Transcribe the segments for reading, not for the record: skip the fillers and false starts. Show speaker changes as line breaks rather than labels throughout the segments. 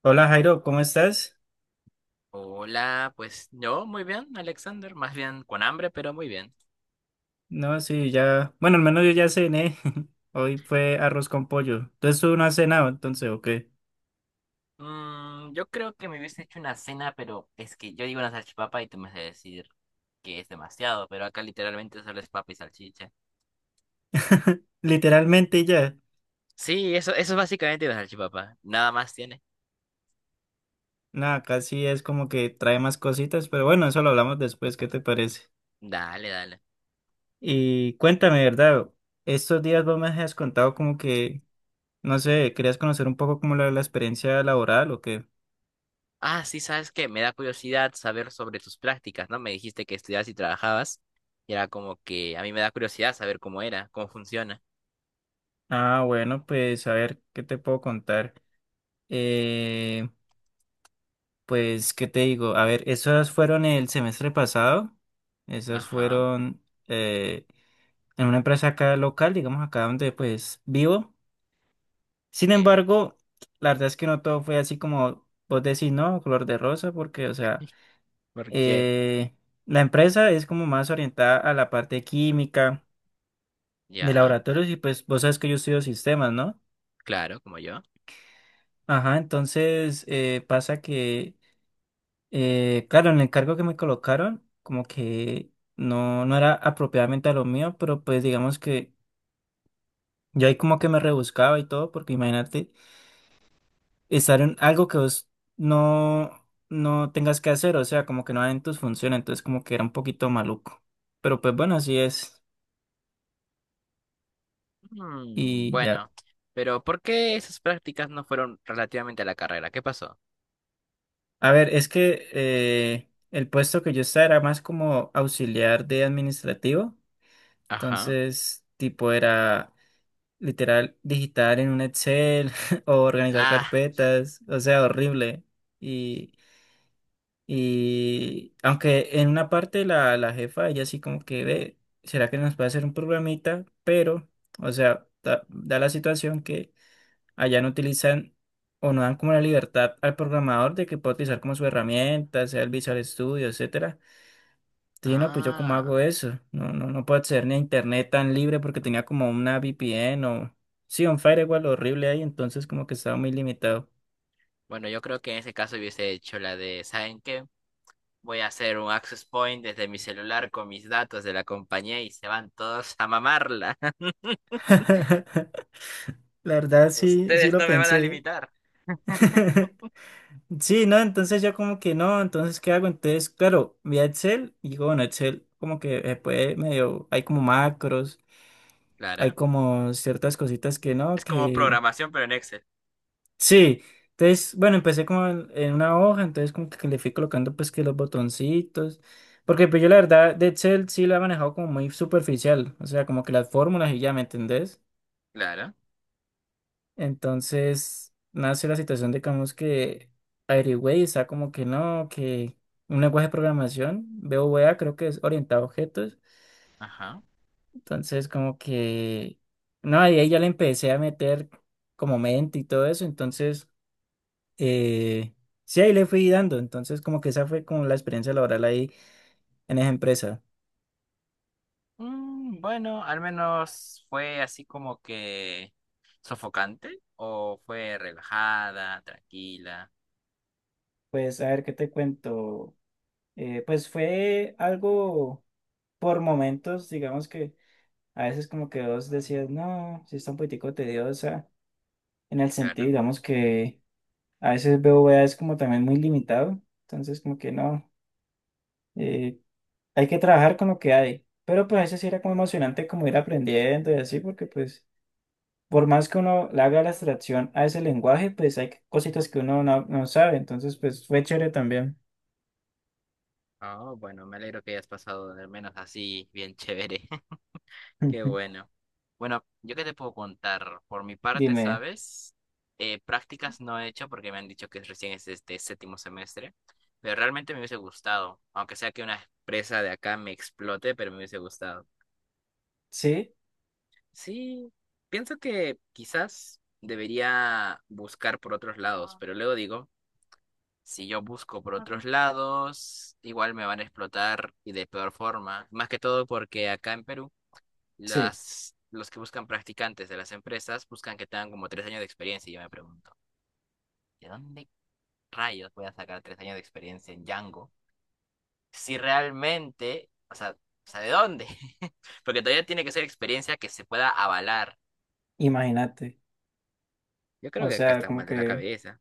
Hola Jairo, ¿cómo estás?
Hola, pues yo muy bien, Alexander, más bien con hambre, pero muy bien.
No, sí, ya. Bueno, al menos yo ya cené. Hoy fue arroz con pollo. Entonces tú no has cenado, entonces, ¿o qué?
Yo creo que me hubiese hecho una cena, pero es que yo digo una salchipapa y tú me vas a decir que es demasiado, pero acá literalmente solo es papa y salchicha.
Literalmente ya.
Sí, eso es básicamente una salchipapa, nada más tiene.
Nada, casi es como que trae más cositas, pero bueno, eso lo hablamos después, ¿qué te parece?
Dale, dale.
Y cuéntame, ¿verdad? Estos días vos me has contado como que, no sé, querías conocer un poco como la experiencia laboral o qué.
Ah, sí, sabes que me da curiosidad saber sobre tus prácticas, ¿no? Me dijiste que estudiabas y trabajabas, y era como que a mí me da curiosidad saber cómo era, cómo funciona.
Ah, bueno, pues a ver, ¿qué te puedo contar? Pues, ¿qué te digo? A ver, esas fueron el semestre pasado. Esas
Ajá,
fueron eh, en una empresa acá local, digamos acá donde pues vivo. Sin
sí,
embargo, la verdad es que no todo fue así como vos decís, ¿no? Color de rosa, porque, o sea,
porque
eh, la empresa es como más orientada a la parte química de
ya,
laboratorios y pues vos sabes que yo estudio sistemas, ¿no?
claro, como yo.
Ajá, entonces pasa que claro, en el cargo que me colocaron, como que no era apropiadamente a lo mío, pero pues digamos que yo ahí como que me rebuscaba y todo, porque imagínate estar en algo que vos no tengas que hacer, o sea, como que no hagan tus funciones, entonces como que era un poquito maluco. Pero pues bueno, así es.
Mm,
Y ya.
bueno, pero ¿por qué esas prácticas no fueron relativamente a la carrera? ¿Qué pasó?
A ver, es que el puesto que yo estaba era más como auxiliar de administrativo,
Ajá.
entonces tipo era literal digitar en un Excel o organizar
Ah,
carpetas, o sea, horrible. Y, y aunque en una parte la jefa, ella sí como que ve, ¿será que nos puede hacer un programita? Pero, o sea, da la situación que allá no utilizan o no dan como la libertad al programador de que pueda utilizar como su herramienta, sea el Visual Studio, etcétera. Sí, no, pues yo cómo hago
ah.
eso. No puedo acceder ni a internet tan libre porque tenía como una VPN o... Sí, un firewall horrible ahí, entonces como que estaba muy limitado.
Bueno, yo creo que en ese caso hubiese hecho la de, ¿saben qué? Voy a hacer un access point desde mi celular con mis datos de la compañía y se van todos a mamarla.
La verdad sí, sí
Ustedes
lo
no me van a
pensé.
limitar.
Sí, no, entonces yo como que no, entonces ¿qué hago? Entonces, claro, vi a Excel y digo, bueno, Excel como que se puede medio, hay como macros, hay
Claro.
como ciertas cositas que no,
Es como
que
programación, pero en Excel.
Sí, entonces, bueno, empecé como en una hoja, entonces como que le fui colocando pues que los botoncitos, porque pues yo la verdad de Excel sí lo he manejado como muy superficial, o sea, como que las fórmulas y ya, ¿me entendés?
Claro.
Entonces nace la situación de digamos que averigüé y está como que no, que un lenguaje de programación, BOVA creo que es orientado a objetos,
Ajá.
entonces como que, no, y ahí ya le empecé a meter como mente y todo eso, entonces... eh, sí, ahí le fui dando. Entonces, como que esa fue como la experiencia laboral ahí en esa empresa.
Mm, bueno, al menos fue así como que sofocante o fue relajada, tranquila,
Pues a ver qué te cuento. Pues fue algo por momentos, digamos que a veces como que vos decías, no, sí está un poquitico tediosa, en el sentido,
claro.
digamos que a veces veo es como también muy limitado, entonces como que no, eh, hay que trabajar con lo que hay. Pero pues a veces sí era como emocionante como ir aprendiendo y así, porque pues por más que uno le haga la abstracción a ese lenguaje, pues hay cositas que uno no sabe. Entonces, pues fue chévere también.
Oh, bueno, me alegro que hayas pasado al menos así bien chévere. Qué bueno. Bueno, yo qué te puedo contar. Por mi parte,
Dime,
¿sabes? Prácticas no he hecho porque me han dicho que recién es este séptimo semestre, pero realmente me hubiese gustado, aunque sea que una empresa de acá me explote, pero me hubiese gustado.
sí,
Sí, pienso que quizás debería buscar por otros lados, pero luego digo, si yo busco por otros lados, igual me van a explotar y de peor forma. Más que todo porque acá en Perú,
sí,
las, los que buscan practicantes de las empresas buscan que tengan como 3 años de experiencia y yo me pregunto, ¿de dónde rayos voy a sacar 3 años de experiencia en Django? Si realmente, o sea, ¿de dónde? Porque todavía tiene que ser experiencia que se pueda avalar.
imagínate.
Yo creo
O
que acá
sea,
están
como
mal de la
que
cabeza.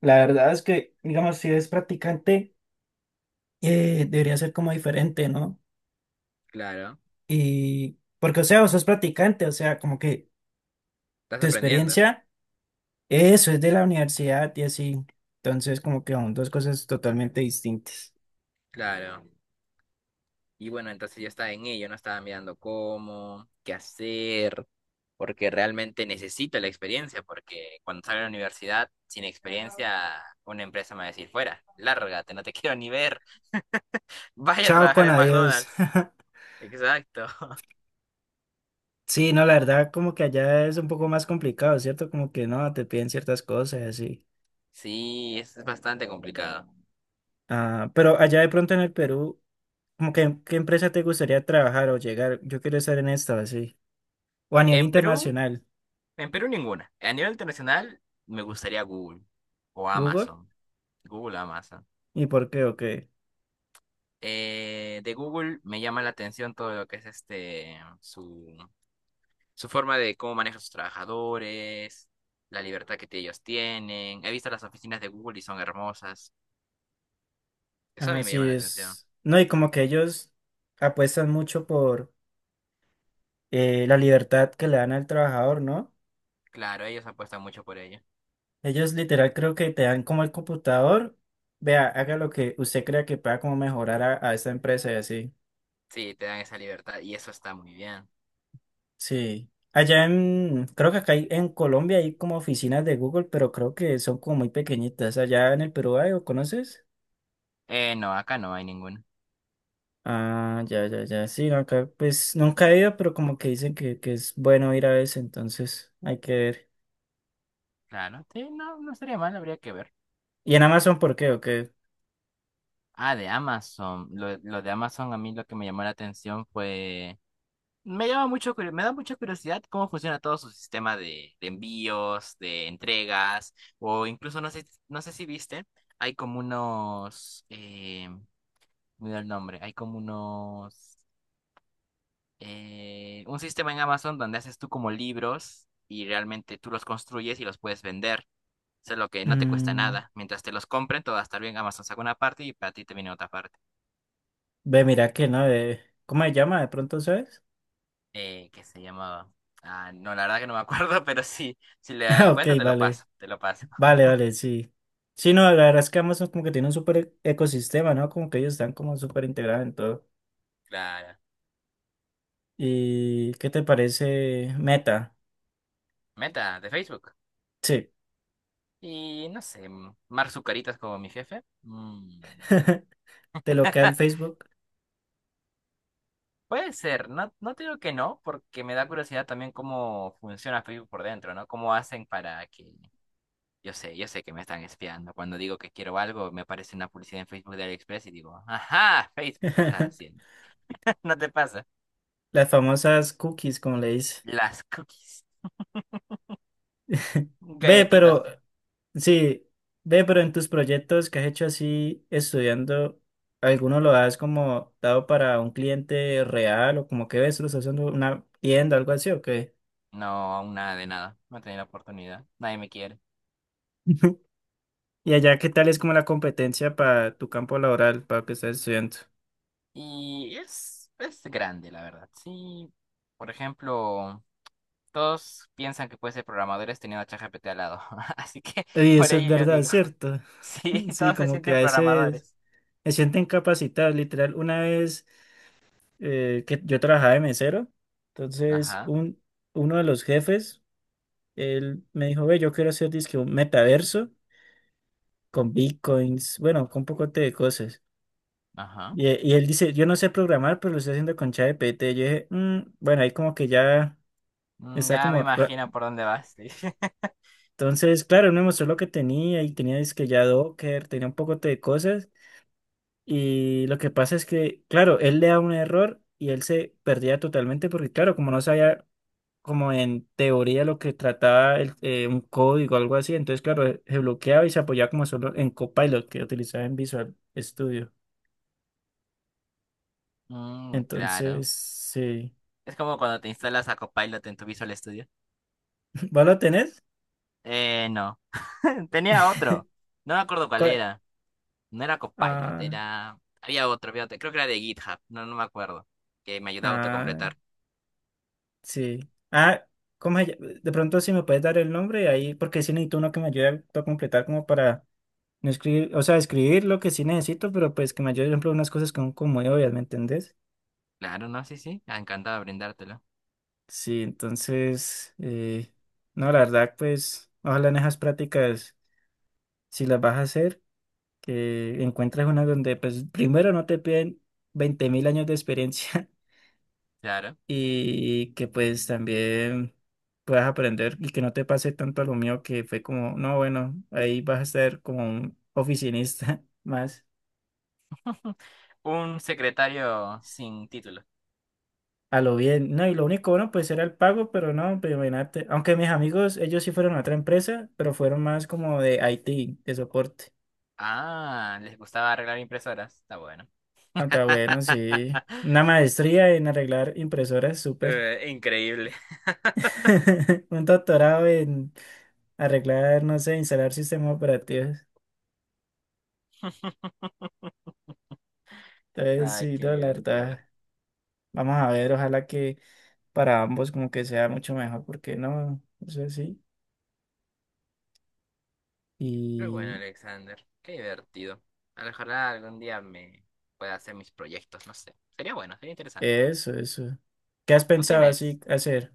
la verdad es que, digamos, si eres practicante, debería ser como diferente, ¿no?
Claro,
Y porque, o sea, vos sos practicante, o sea, como que
estás
tu
aprendiendo,
experiencia, eso es de la universidad y así. Entonces, como que son dos cosas totalmente distintas.
claro. Y bueno, entonces yo estaba en ello, no estaba mirando cómo, qué hacer, porque realmente necesito la experiencia, porque cuando salga de la universidad, sin experiencia, una empresa me va a decir, fuera, lárgate, no te quiero ni ver, vaya a
Chao
trabajar
con
en
adiós.
McDonald's. Exacto.
Sí, no, la verdad, como que allá es un poco más complicado, ¿cierto? Como que no, te piden ciertas cosas y así.
Sí, es bastante complicado.
Ah, pero allá de pronto en el Perú, como que ¿qué empresa te gustaría trabajar o llegar? Yo quiero estar en esta, así. O a nivel
En Perú,
internacional,
en Perú ninguna. A nivel internacional, me gustaría Google o
Google.
Amazon. Google, Amazon.
¿Y por qué o qué?
De Google me llama la atención todo lo que es este su, su forma de cómo maneja a sus trabajadores, la libertad que ellos tienen. He visto las oficinas de Google y son hermosas. Eso a
Ah,
mí me llama
sí,
la atención.
es. No, y como que ellos apuestan mucho por la libertad que le dan al trabajador, ¿no?
Claro, ellos apuestan mucho por ello.
Ellos literal creo que te dan como el computador. Vea, haga lo que usted crea que pueda como mejorar a esta empresa y así.
Sí, te dan esa libertad y eso está muy bien.
Sí. Allá en, creo que acá hay- en Colombia hay como oficinas de Google, pero creo que son como muy pequeñitas. Allá en el Perú hay, ¿o conoces?
No, acá no hay ninguno.
Ah, ya, ya, ya. Sí, no, acá pues nunca he ido, pero como que dicen que es bueno ir a veces, entonces hay que ver.
Claro, sí, no, no estaría mal, habría que ver.
¿Y en Amazon por qué o qué?
Ah, de Amazon. Lo de Amazon a mí lo que me llamó la atención fue me llama mucho, me da mucha curiosidad cómo funciona todo su sistema de envíos, de entregas, o incluso no sé, no sé si viste, hay como unos, me da el nombre, hay como unos, un sistema en Amazon donde haces tú como libros y realmente tú los construyes y los puedes vender, eso es lo que no te cuesta
Mm,
nada, mientras te los compren todo va a estar bien, Amazon saca una parte y para ti te viene otra parte,
ve, mira que no, de, ¿cómo se llama? ¿De pronto sabes?
que se llamaba, ah, no, la verdad que no me acuerdo, pero sí. Si le
Ah, ok,
encuentro, te lo
vale.
paso, te lo paso.
Vale, vale, sí. Sí, no, la verdad es que Amazon como que tiene un súper ecosistema, ¿no? Como que ellos están como súper integrados en todo.
Claro.
¿Y qué te parece Meta?
Meta de Facebook.
Sí,
Y no sé, Mark Zucaritas como mi jefe. Mm,
de lo que da el Facebook.
puede ser, no, no te digo que no, porque me da curiosidad también cómo funciona Facebook por dentro, ¿no? Cómo hacen para que... yo sé que me están espiando. Cuando digo que quiero algo, me aparece una publicidad en Facebook de AliExpress y digo, ajá, Facebook, ¿qué estás haciendo? No te pasa.
Las famosas cookies, como le dice.
Las cookies.
Ve,
Galletitas.
pero, sí, ve, pero en tus proyectos que has hecho así, estudiando, ¿alguno lo has como dado para un cliente real o como que ves, lo estás haciendo una tienda, algo así o qué?
No, aún nada de nada. No he tenido la oportunidad. Nadie me quiere.
Y allá, ¿qué tal es como la competencia para tu campo laboral, para lo que estás estudiando?
Y es grande, la verdad. Sí, por ejemplo, todos piensan que puede ser programadores teniendo a ChatGPT al lado. Así que
Y
por
eso es
ello yo
verdad,
digo,
¿cierto?
sí,
Sí,
todos se
como que a
sienten
veces...
programadores.
Me siento incapacitado, literal. Una vez que yo trabajaba de mesero, entonces
Ajá,
un, uno de los jefes, él me dijo, ve, yo quiero hacer dizque un metaverso con bitcoins, bueno, con un poco de cosas.
ajá.
Y, e- y él dice, yo no sé programar, pero lo estoy haciendo con ChatGPT. Yo dije, "Mm, bueno, ahí como que ya está
Ya me
como... ra-".
imagino por dónde vas. Sí.
Entonces, claro, él me mostró lo que tenía y tenía dizque ya Docker, tenía un poco de cosas. Y lo que pasa es que, claro, él le da un error y él se perdía totalmente porque, claro, como no sabía como en teoría lo que trataba el- un código o algo así, entonces, claro, se bloqueaba y se apoyaba como solo en Copilot que utilizaba en Visual Studio.
Mm, claro.
Entonces, sí.
Es como cuando te instalas a Copilot en tu Visual Studio.
¿Vos lo tenés?
No. Tenía otro. No me acuerdo cuál
¿Cuál?
era. No era Copilot,
Ah,
era... Había otro, había otro. Creo que era de GitHub. No, no me acuerdo. Que me ayudaba a
ah,
autocompletar.
sí. Ah, ¿cómo se llama? De pronto si me puedes dar el nombre ahí, porque sí necesito uno que me ayude a completar como para no escribir, o sea, escribir lo que sí necesito, pero pues que me ayude, por ejemplo, unas cosas que son como obvias, ¿me entendés?
Claro, no, sí, sí. Ah, encantado de brindártelo.
Sí, entonces, no, la verdad, pues, ojalá en esas prácticas, si las vas a hacer, que encuentres una donde, pues, primero no te piden 20.000 años de experiencia
Claro.
y que, pues, también puedas aprender y que no te pase tanto a lo mío que fue como, no, bueno, ahí vas a ser como un oficinista más.
Un secretario sin título.
A lo bien, no, y lo único bueno, pues era el pago, pero no, pues imagínate, aunque mis amigos, ellos sí fueron a otra empresa, pero fueron más como de IT, de soporte.
Ah, les gustaba arreglar impresoras. Está bueno.
Hasta bueno, sí, una maestría en arreglar impresoras, súper.
Increíble.
Un doctorado en arreglar, no sé, instalar sistemas operativos. Entonces,
Ay,
sí,
qué
no, la
divertido.
verdad, vamos a ver, ojalá que para ambos como que sea mucho mejor, porque no, eso sí.
Pero bueno,
Y
Alexander, qué divertido. A lo mejor algún día me pueda hacer mis proyectos, no sé. Sería bueno, sería interesante.
eso, eso. ¿Qué has
¿Tú
pensado
tienes?
así hacer?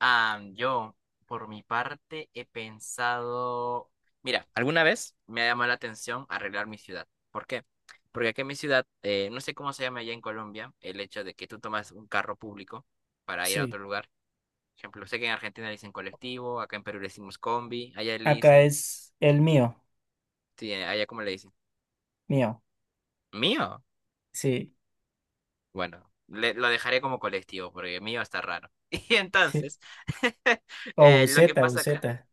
Ah, yo, por mi parte, he pensado, mira, alguna vez me ha llamado la atención arreglar mi ciudad. ¿Por qué? Porque aquí en mi ciudad, no sé cómo se llama allá en Colombia, el hecho de que tú tomas un carro público para ir a
Sí.
otro lugar. Por ejemplo, sé que en Argentina le dicen colectivo, acá en Perú le decimos combi, allá le
Acá
dicen,
es el mío,
sí, allá cómo le dicen.
mío,
Mío.
sí.
Bueno, lo dejaré como colectivo, porque mío está raro. Y entonces,
O
lo que
buceta,
pasa acá
buceta,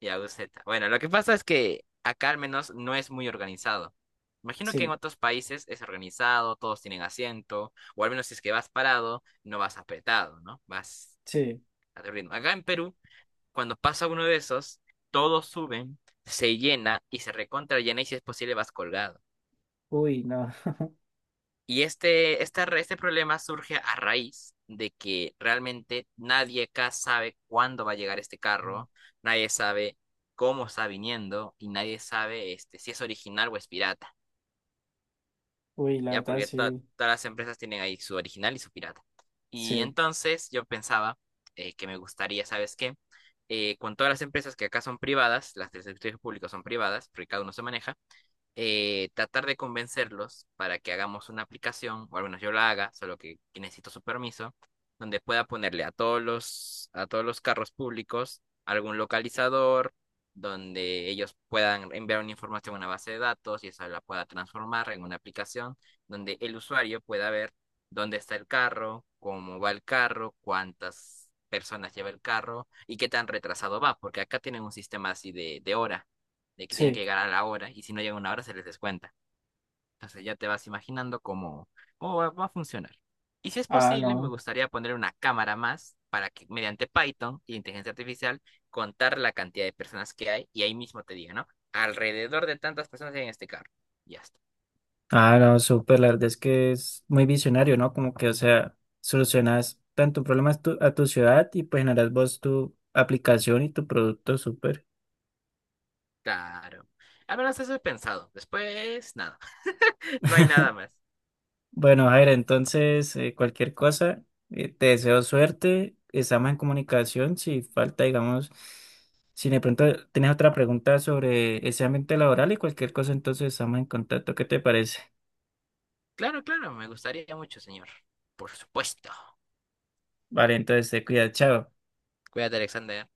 y Aguseta. Bueno, lo que pasa es que acá al menos no es muy organizado. Imagino que en
sí,
otros países es organizado, todos tienen asiento, o al menos si es que vas parado, no vas apretado, ¿no? Vas
sí.
a tu ritmo. Acá en Perú, cuando pasa uno de esos, todos suben, se llena y se recontra llena y si es posible vas colgado.
Uy, no.
Y este, este problema surge a raíz de que realmente nadie acá sabe cuándo va a llegar este carro, nadie sabe cómo está viniendo y nadie sabe este, si es original o es pirata,
Uy, la
¿ya?
verdad,
Porque
sí,
todas las empresas tienen ahí su original y su pirata. Y
sí,
entonces yo pensaba que me gustaría, ¿sabes qué? Con todas las empresas que acá son privadas, las del sector público son privadas, porque cada uno se maneja tratar de convencerlos para que hagamos una aplicación, o al menos yo la haga, solo que necesito su permiso, donde pueda ponerle a todos los carros públicos algún localizador, donde ellos puedan enviar una información a una base de datos y esa la pueda transformar en una aplicación donde el usuario pueda ver dónde está el carro, cómo va el carro, cuántas personas lleva el carro y qué tan retrasado va, porque acá tienen un sistema así de hora de que tienen que
sí.
llegar a la hora y si no llegan a una hora se les descuenta. Entonces ya te vas imaginando cómo va, a funcionar. Y si es
Ah,
posible, me
no.
gustaría poner una cámara más para que mediante Python y inteligencia artificial contar la cantidad de personas que hay y ahí mismo te diga, ¿no? Alrededor de tantas personas hay en este carro. Ya está.
Ah, no, súper, la verdad es que es muy visionario, ¿no? Como que, o sea, solucionas tanto problemas tu- a tu ciudad y pues generas vos tu aplicación y tu producto, súper.
Claro. Al menos eso he pensado. Después, nada. No hay nada más.
Bueno, Jair, entonces cualquier cosa, te deseo suerte, estamos en comunicación, si falta, digamos, si de pronto tienes otra pregunta sobre ese ambiente laboral y cualquier cosa, entonces estamos en contacto, ¿qué te parece?
Claro, claro, me gustaría mucho, señor. Por supuesto.
Vale, entonces te cuida, chao.
Cuídate, Alexander.